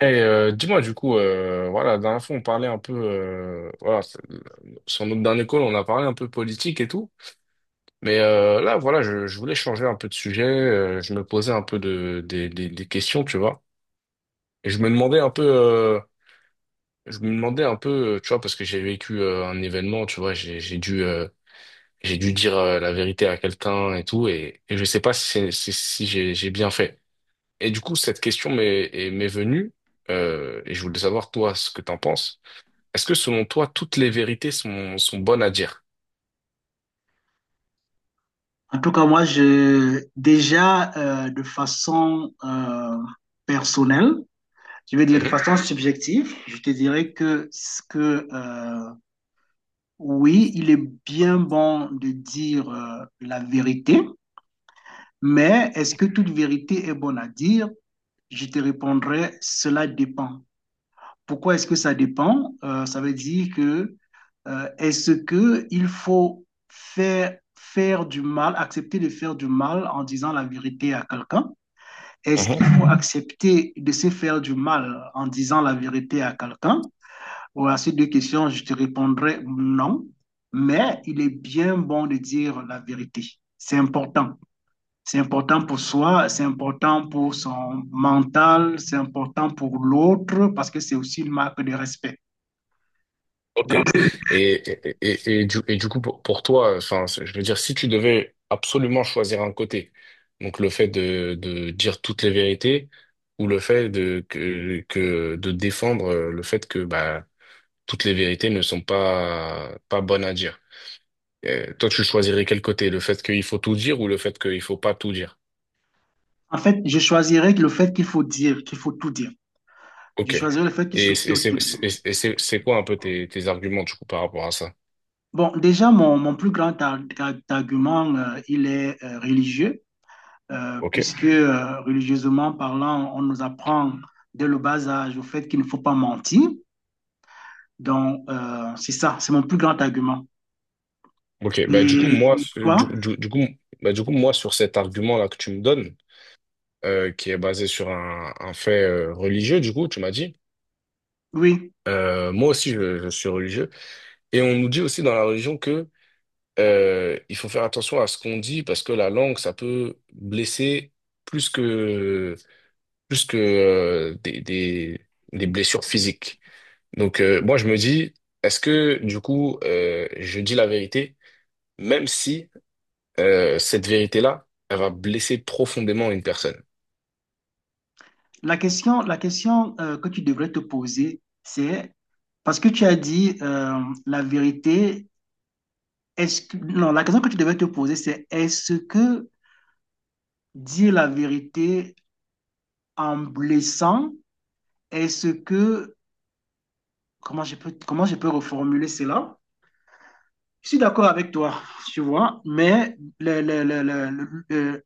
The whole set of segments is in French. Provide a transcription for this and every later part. Et dis-moi du coup, voilà, la dernière fois on parlait un peu, voilà, sur notre dernier call on a parlé un peu politique et tout, mais là voilà, je voulais changer un peu de sujet, je me posais un peu des questions, tu vois, et je me demandais un peu, tu vois, parce que j'ai vécu un événement, tu vois, j'ai dû dire la vérité à quelqu'un et tout, et je sais pas si, si j'ai bien fait. Et du coup cette question m'est venue, et je voulais savoir toi ce que t'en penses. Est-ce que selon toi, toutes les vérités sont bonnes à dire? En tout cas, moi, déjà, de façon personnelle, je vais dire de Mhm. façon subjective, je te dirais que oui, il est bien bon de dire la vérité, mais est-ce que toute vérité est bonne à dire? Je te répondrai, cela dépend. Pourquoi est-ce que ça dépend? Ça veut dire que est-ce que il faut faire du mal, accepter de faire du mal en disant la vérité à quelqu'un? Est-ce qu'il Mhm. faut accepter de se faire du mal en disant la vérité à quelqu'un? Ou à ces deux questions, je te répondrai non, mais il est bien bon de dire la vérité. C'est important. C'est important pour soi, c'est important pour son mental, c'est important pour l'autre parce que c'est aussi une marque de respect. Ok. Donc, Et du coup, pour toi, enfin, je veux dire, si tu devais absolument choisir un côté, donc le fait de dire toutes les vérités ou le fait de défendre le fait que bah, toutes les vérités ne sont pas bonnes à dire. Toi, tu choisirais quel côté? Le fait qu'il faut tout dire ou le fait qu'il faut pas tout dire? en fait, je choisirais le fait qu'il faut tout dire. Je Ok. choisirais le fait qu'il faut tout dire. C'est quoi un peu tes arguments du coup par rapport à ça? Bon, déjà, mon plus grand argument, il est religieux. Ok, Puisque religieusement parlant, on nous apprend dès le bas âge au fait qu'il ne faut pas mentir. Donc, c'est ça, c'est mon plus grand argument. ok. Bah, du coup, Et moi, toi, du coup, moi, sur cet argument-là que tu me donnes, qui est basé sur un fait religieux, du coup, tu m'as dit, oui, moi aussi, je suis religieux. Et on nous dit aussi dans la religion que il faut faire attention à ce qu'on dit parce que la langue, ça peut blesser plus que, plus que des blessures physiques. Donc, moi, je me dis, est-ce que, du coup, je dis la vérité, même si cette vérité-là, elle va blesser profondément une personne. La question que tu devrais te poser, c'est parce que tu as dit la vérité, est-ce que, non, la question que tu devrais te poser, c'est est-ce que dire la vérité en blessant, est-ce que, comment je peux reformuler cela? Je suis d'accord avec toi, tu vois, mais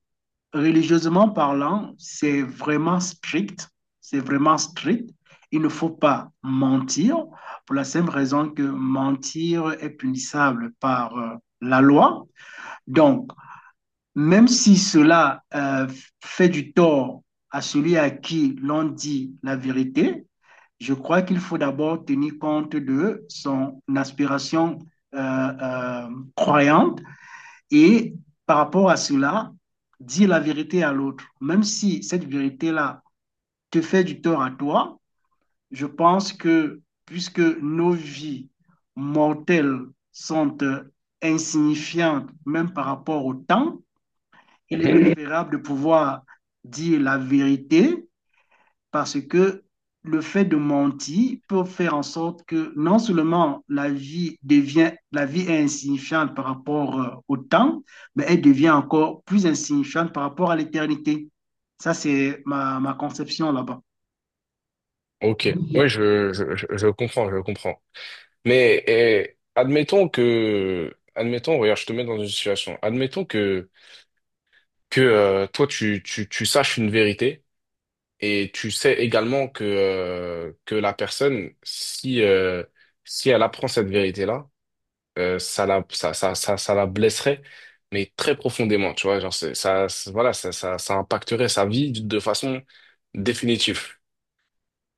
religieusement parlant, c'est vraiment strict. C'est vraiment strict. Il ne faut pas mentir pour la simple raison que mentir est punissable par la loi. Donc, même si cela fait du tort à celui à qui l'on dit la vérité, je crois qu'il faut d'abord tenir compte de son aspiration euh, euh, croyante et par rapport à cela, dire la vérité à l'autre, même si cette vérité-là te fait du tort à toi, je pense que puisque nos vies mortelles sont insignifiantes, même par rapport au temps, il est Mhm. préférable de pouvoir dire la vérité parce que le fait de mentir peut faire en sorte que non seulement la vie est insignifiante par rapport au temps, mais elle devient encore plus insignifiante par rapport à l'éternité. Ça, c'est ma conception là-bas. Ok, oui, je comprends, je comprends. Mais admettons, regarde, je te mets dans une situation. Admettons que toi tu saches une vérité et tu sais également que la personne, si elle apprend cette vérité-là, ça la, ça la blesserait, mais très profondément, tu vois, genre, voilà, ça impacterait sa vie de façon définitive,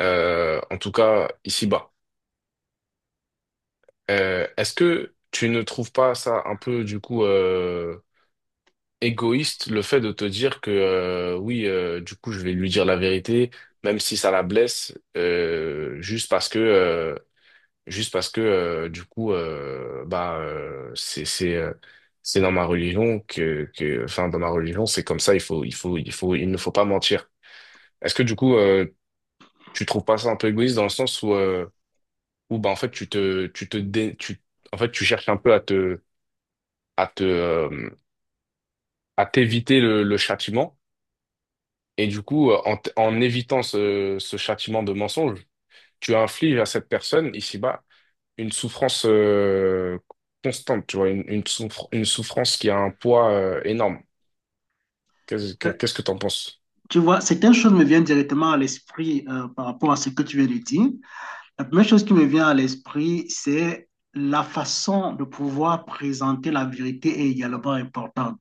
en tout cas, ici-bas. Est-ce que tu ne trouves pas ça un peu, du coup, égoïste, le fait de te dire que, oui, du coup, je vais lui dire la vérité, même si ça la blesse, juste parce que du coup bah c'est dans ma religion que enfin dans ma religion c'est comme ça il ne faut pas mentir. Est-ce que du coup tu trouves pas ça un peu égoïste dans le sens où bah en fait tu te dé- tu en fait tu cherches un peu à te euh, à t'éviter le châtiment et du coup en évitant ce châtiment de mensonge tu infliges à cette personne ici-bas une souffrance constante, tu vois, une souffrance qui a un poids énorme. Euh, Qu'est-ce que t'en penses? Tu vois, certaines choses me viennent directement à l'esprit par rapport à ce que tu viens de dire. La première chose qui me vient à l'esprit, c'est la façon de pouvoir présenter la vérité est également importante.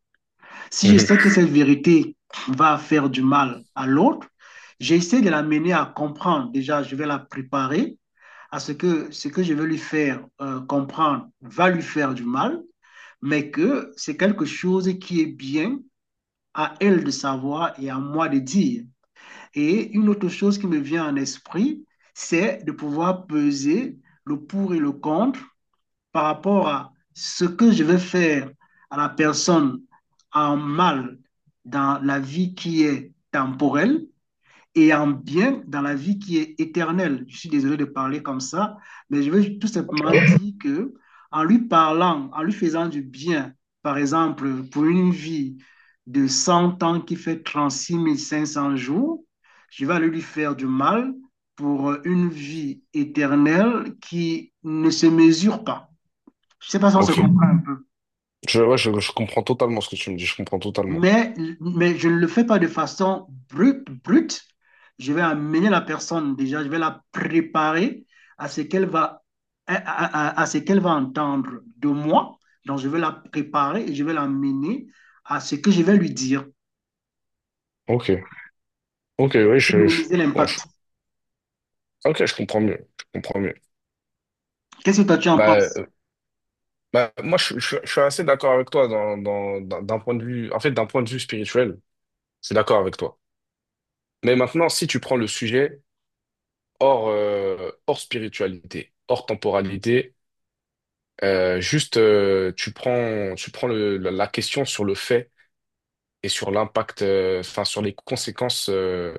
Si je Mhm. sais que cette vérité va faire du mal à l'autre, j'essaie de l'amener à comprendre. Déjà, je vais la préparer à ce que je vais lui faire comprendre va lui faire du mal, mais que c'est quelque chose qui est bien à elle de savoir et à moi de dire. Et une autre chose qui me vient en esprit, c'est de pouvoir peser le pour et le contre par rapport à ce que je vais faire à la personne en mal dans la vie qui est temporelle et en bien dans la vie qui est éternelle. Je suis désolé de parler comme ça, mais je veux tout Ok, simplement toi? dire que en lui parlant, en lui faisant du bien, par exemple, pour une vie de 100 ans qui fait 36 500 jours, je vais aller lui faire du mal pour une vie éternelle qui ne se mesure pas. Je sais pas si on se Ok. comprend un peu. Ouais, je comprends totalement ce que tu me dis, je comprends totalement. Mais, mais je ne le fais pas de façon brute. Je vais amener la personne déjà, je vais la préparer à ce qu'elle va, à ce qu'elle va entendre de moi. Donc, je vais la préparer et je vais l'amener à ce que je vais lui dire Ok. Ok, oui, pour minimiser bon, l'impact. ok, je comprends mieux. Je comprends mieux. Qu'est-ce que toi tu en Bah, penses? Moi, je suis assez d'accord avec toi d'un point de vue, en fait, d'un point de vue spirituel, je suis d'accord avec toi. Mais maintenant, si tu prends le sujet hors spiritualité, hors temporalité. Juste, tu prends la question sur le fait et sur l'impact, enfin, sur les conséquences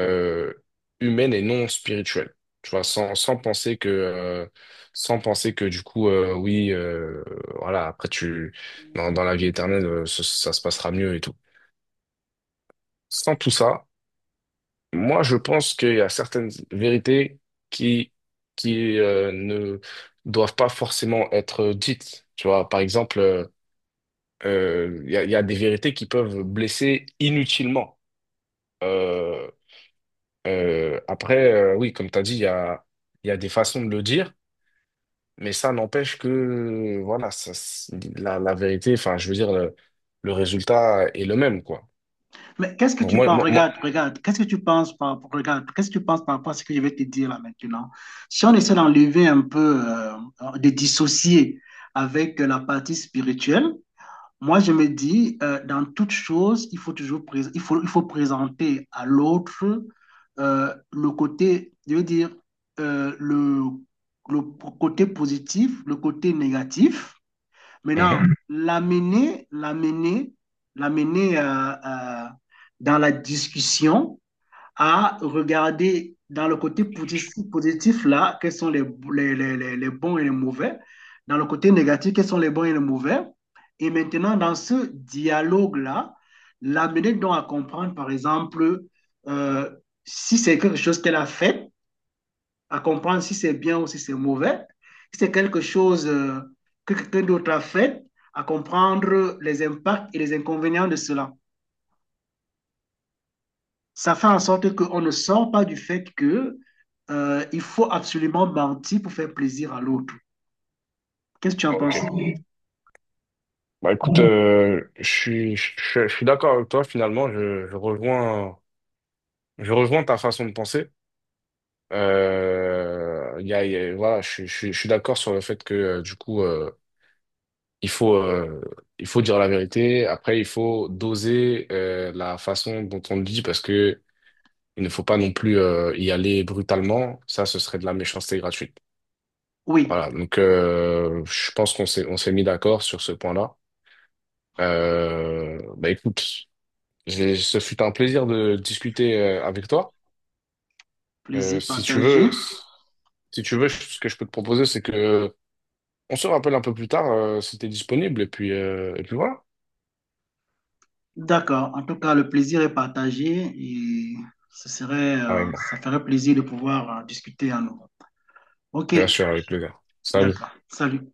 euh, humaines et non spirituelles. Tu vois, sans penser que du coup, oui, voilà, après, dans la vie éternelle, ça se passera mieux et tout. Sans tout ça, moi, je pense qu'il y a certaines vérités qui, qui ne doivent pas forcément être dites. Tu vois, par exemple, il y a des vérités qui peuvent blesser inutilement. Euh, Après, oui, comme tu as dit, il y a des façons de le dire, mais ça n'empêche que, voilà, la vérité, enfin, je veux dire, le résultat est le même, quoi. Mais qu'est-ce que Donc, tu moi, penses? moi, moi- Regarde. Qu'est-ce que tu penses regarde, qu'est-ce que tu penses par rapport à ce que je vais te dire là maintenant? Si on essaie d'enlever un peu, de dissocier avec la partie spirituelle, moi je me dis, dans toute chose, il faut toujours il faut présenter à l'autre le côté, je veux dire, euh, le, le côté positif, le côté négatif. Maintenant, Mhm. l'amener, l'amener, l'amener dans la discussion à regarder dans le côté positif, positif là, les bons et les mauvais. Dans le côté négatif, quels sont les bons et les mauvais. Et maintenant, dans ce dialogue-là, l'amener donc à comprendre, par exemple, euh, si c'est quelque chose qu'elle a fait, à comprendre si c'est bien ou si c'est mauvais, si c'est quelque chose que quelqu'un d'autre a fait, à comprendre les impacts et les inconvénients de cela. Ça fait en sorte qu'on ne sort pas du fait que il faut absolument mentir pour faire plaisir à l'autre. Qu'est-ce que tu en Ok. penses? Bah, écoute, je suis d'accord avec toi, finalement, je rejoins ta façon de penser. Voilà, je suis d'accord sur le fait que, du coup, Il faut, euh, il faut dire la vérité. Après, il faut doser la façon dont on le dit parce que il ne faut pas non plus y aller brutalement. Ça, ce serait de la méchanceté gratuite. Oui, Voilà. Donc, je pense on s'est mis d'accord sur ce point-là. Bah écoute, ce fut un plaisir de discuter avec toi. Euh, plaisir si tu partagé. veux, si, Si tu veux, ce que je peux te proposer, c'est que on se rappelle un peu plus tard si t'es disponible. Et puis voilà. D'accord. En tout cas, le plaisir est partagé et ce serait, Carrément. ça ferait plaisir de pouvoir discuter à nouveau. Ok, Bien sûr, avec plaisir. Salut. d'accord. Salut.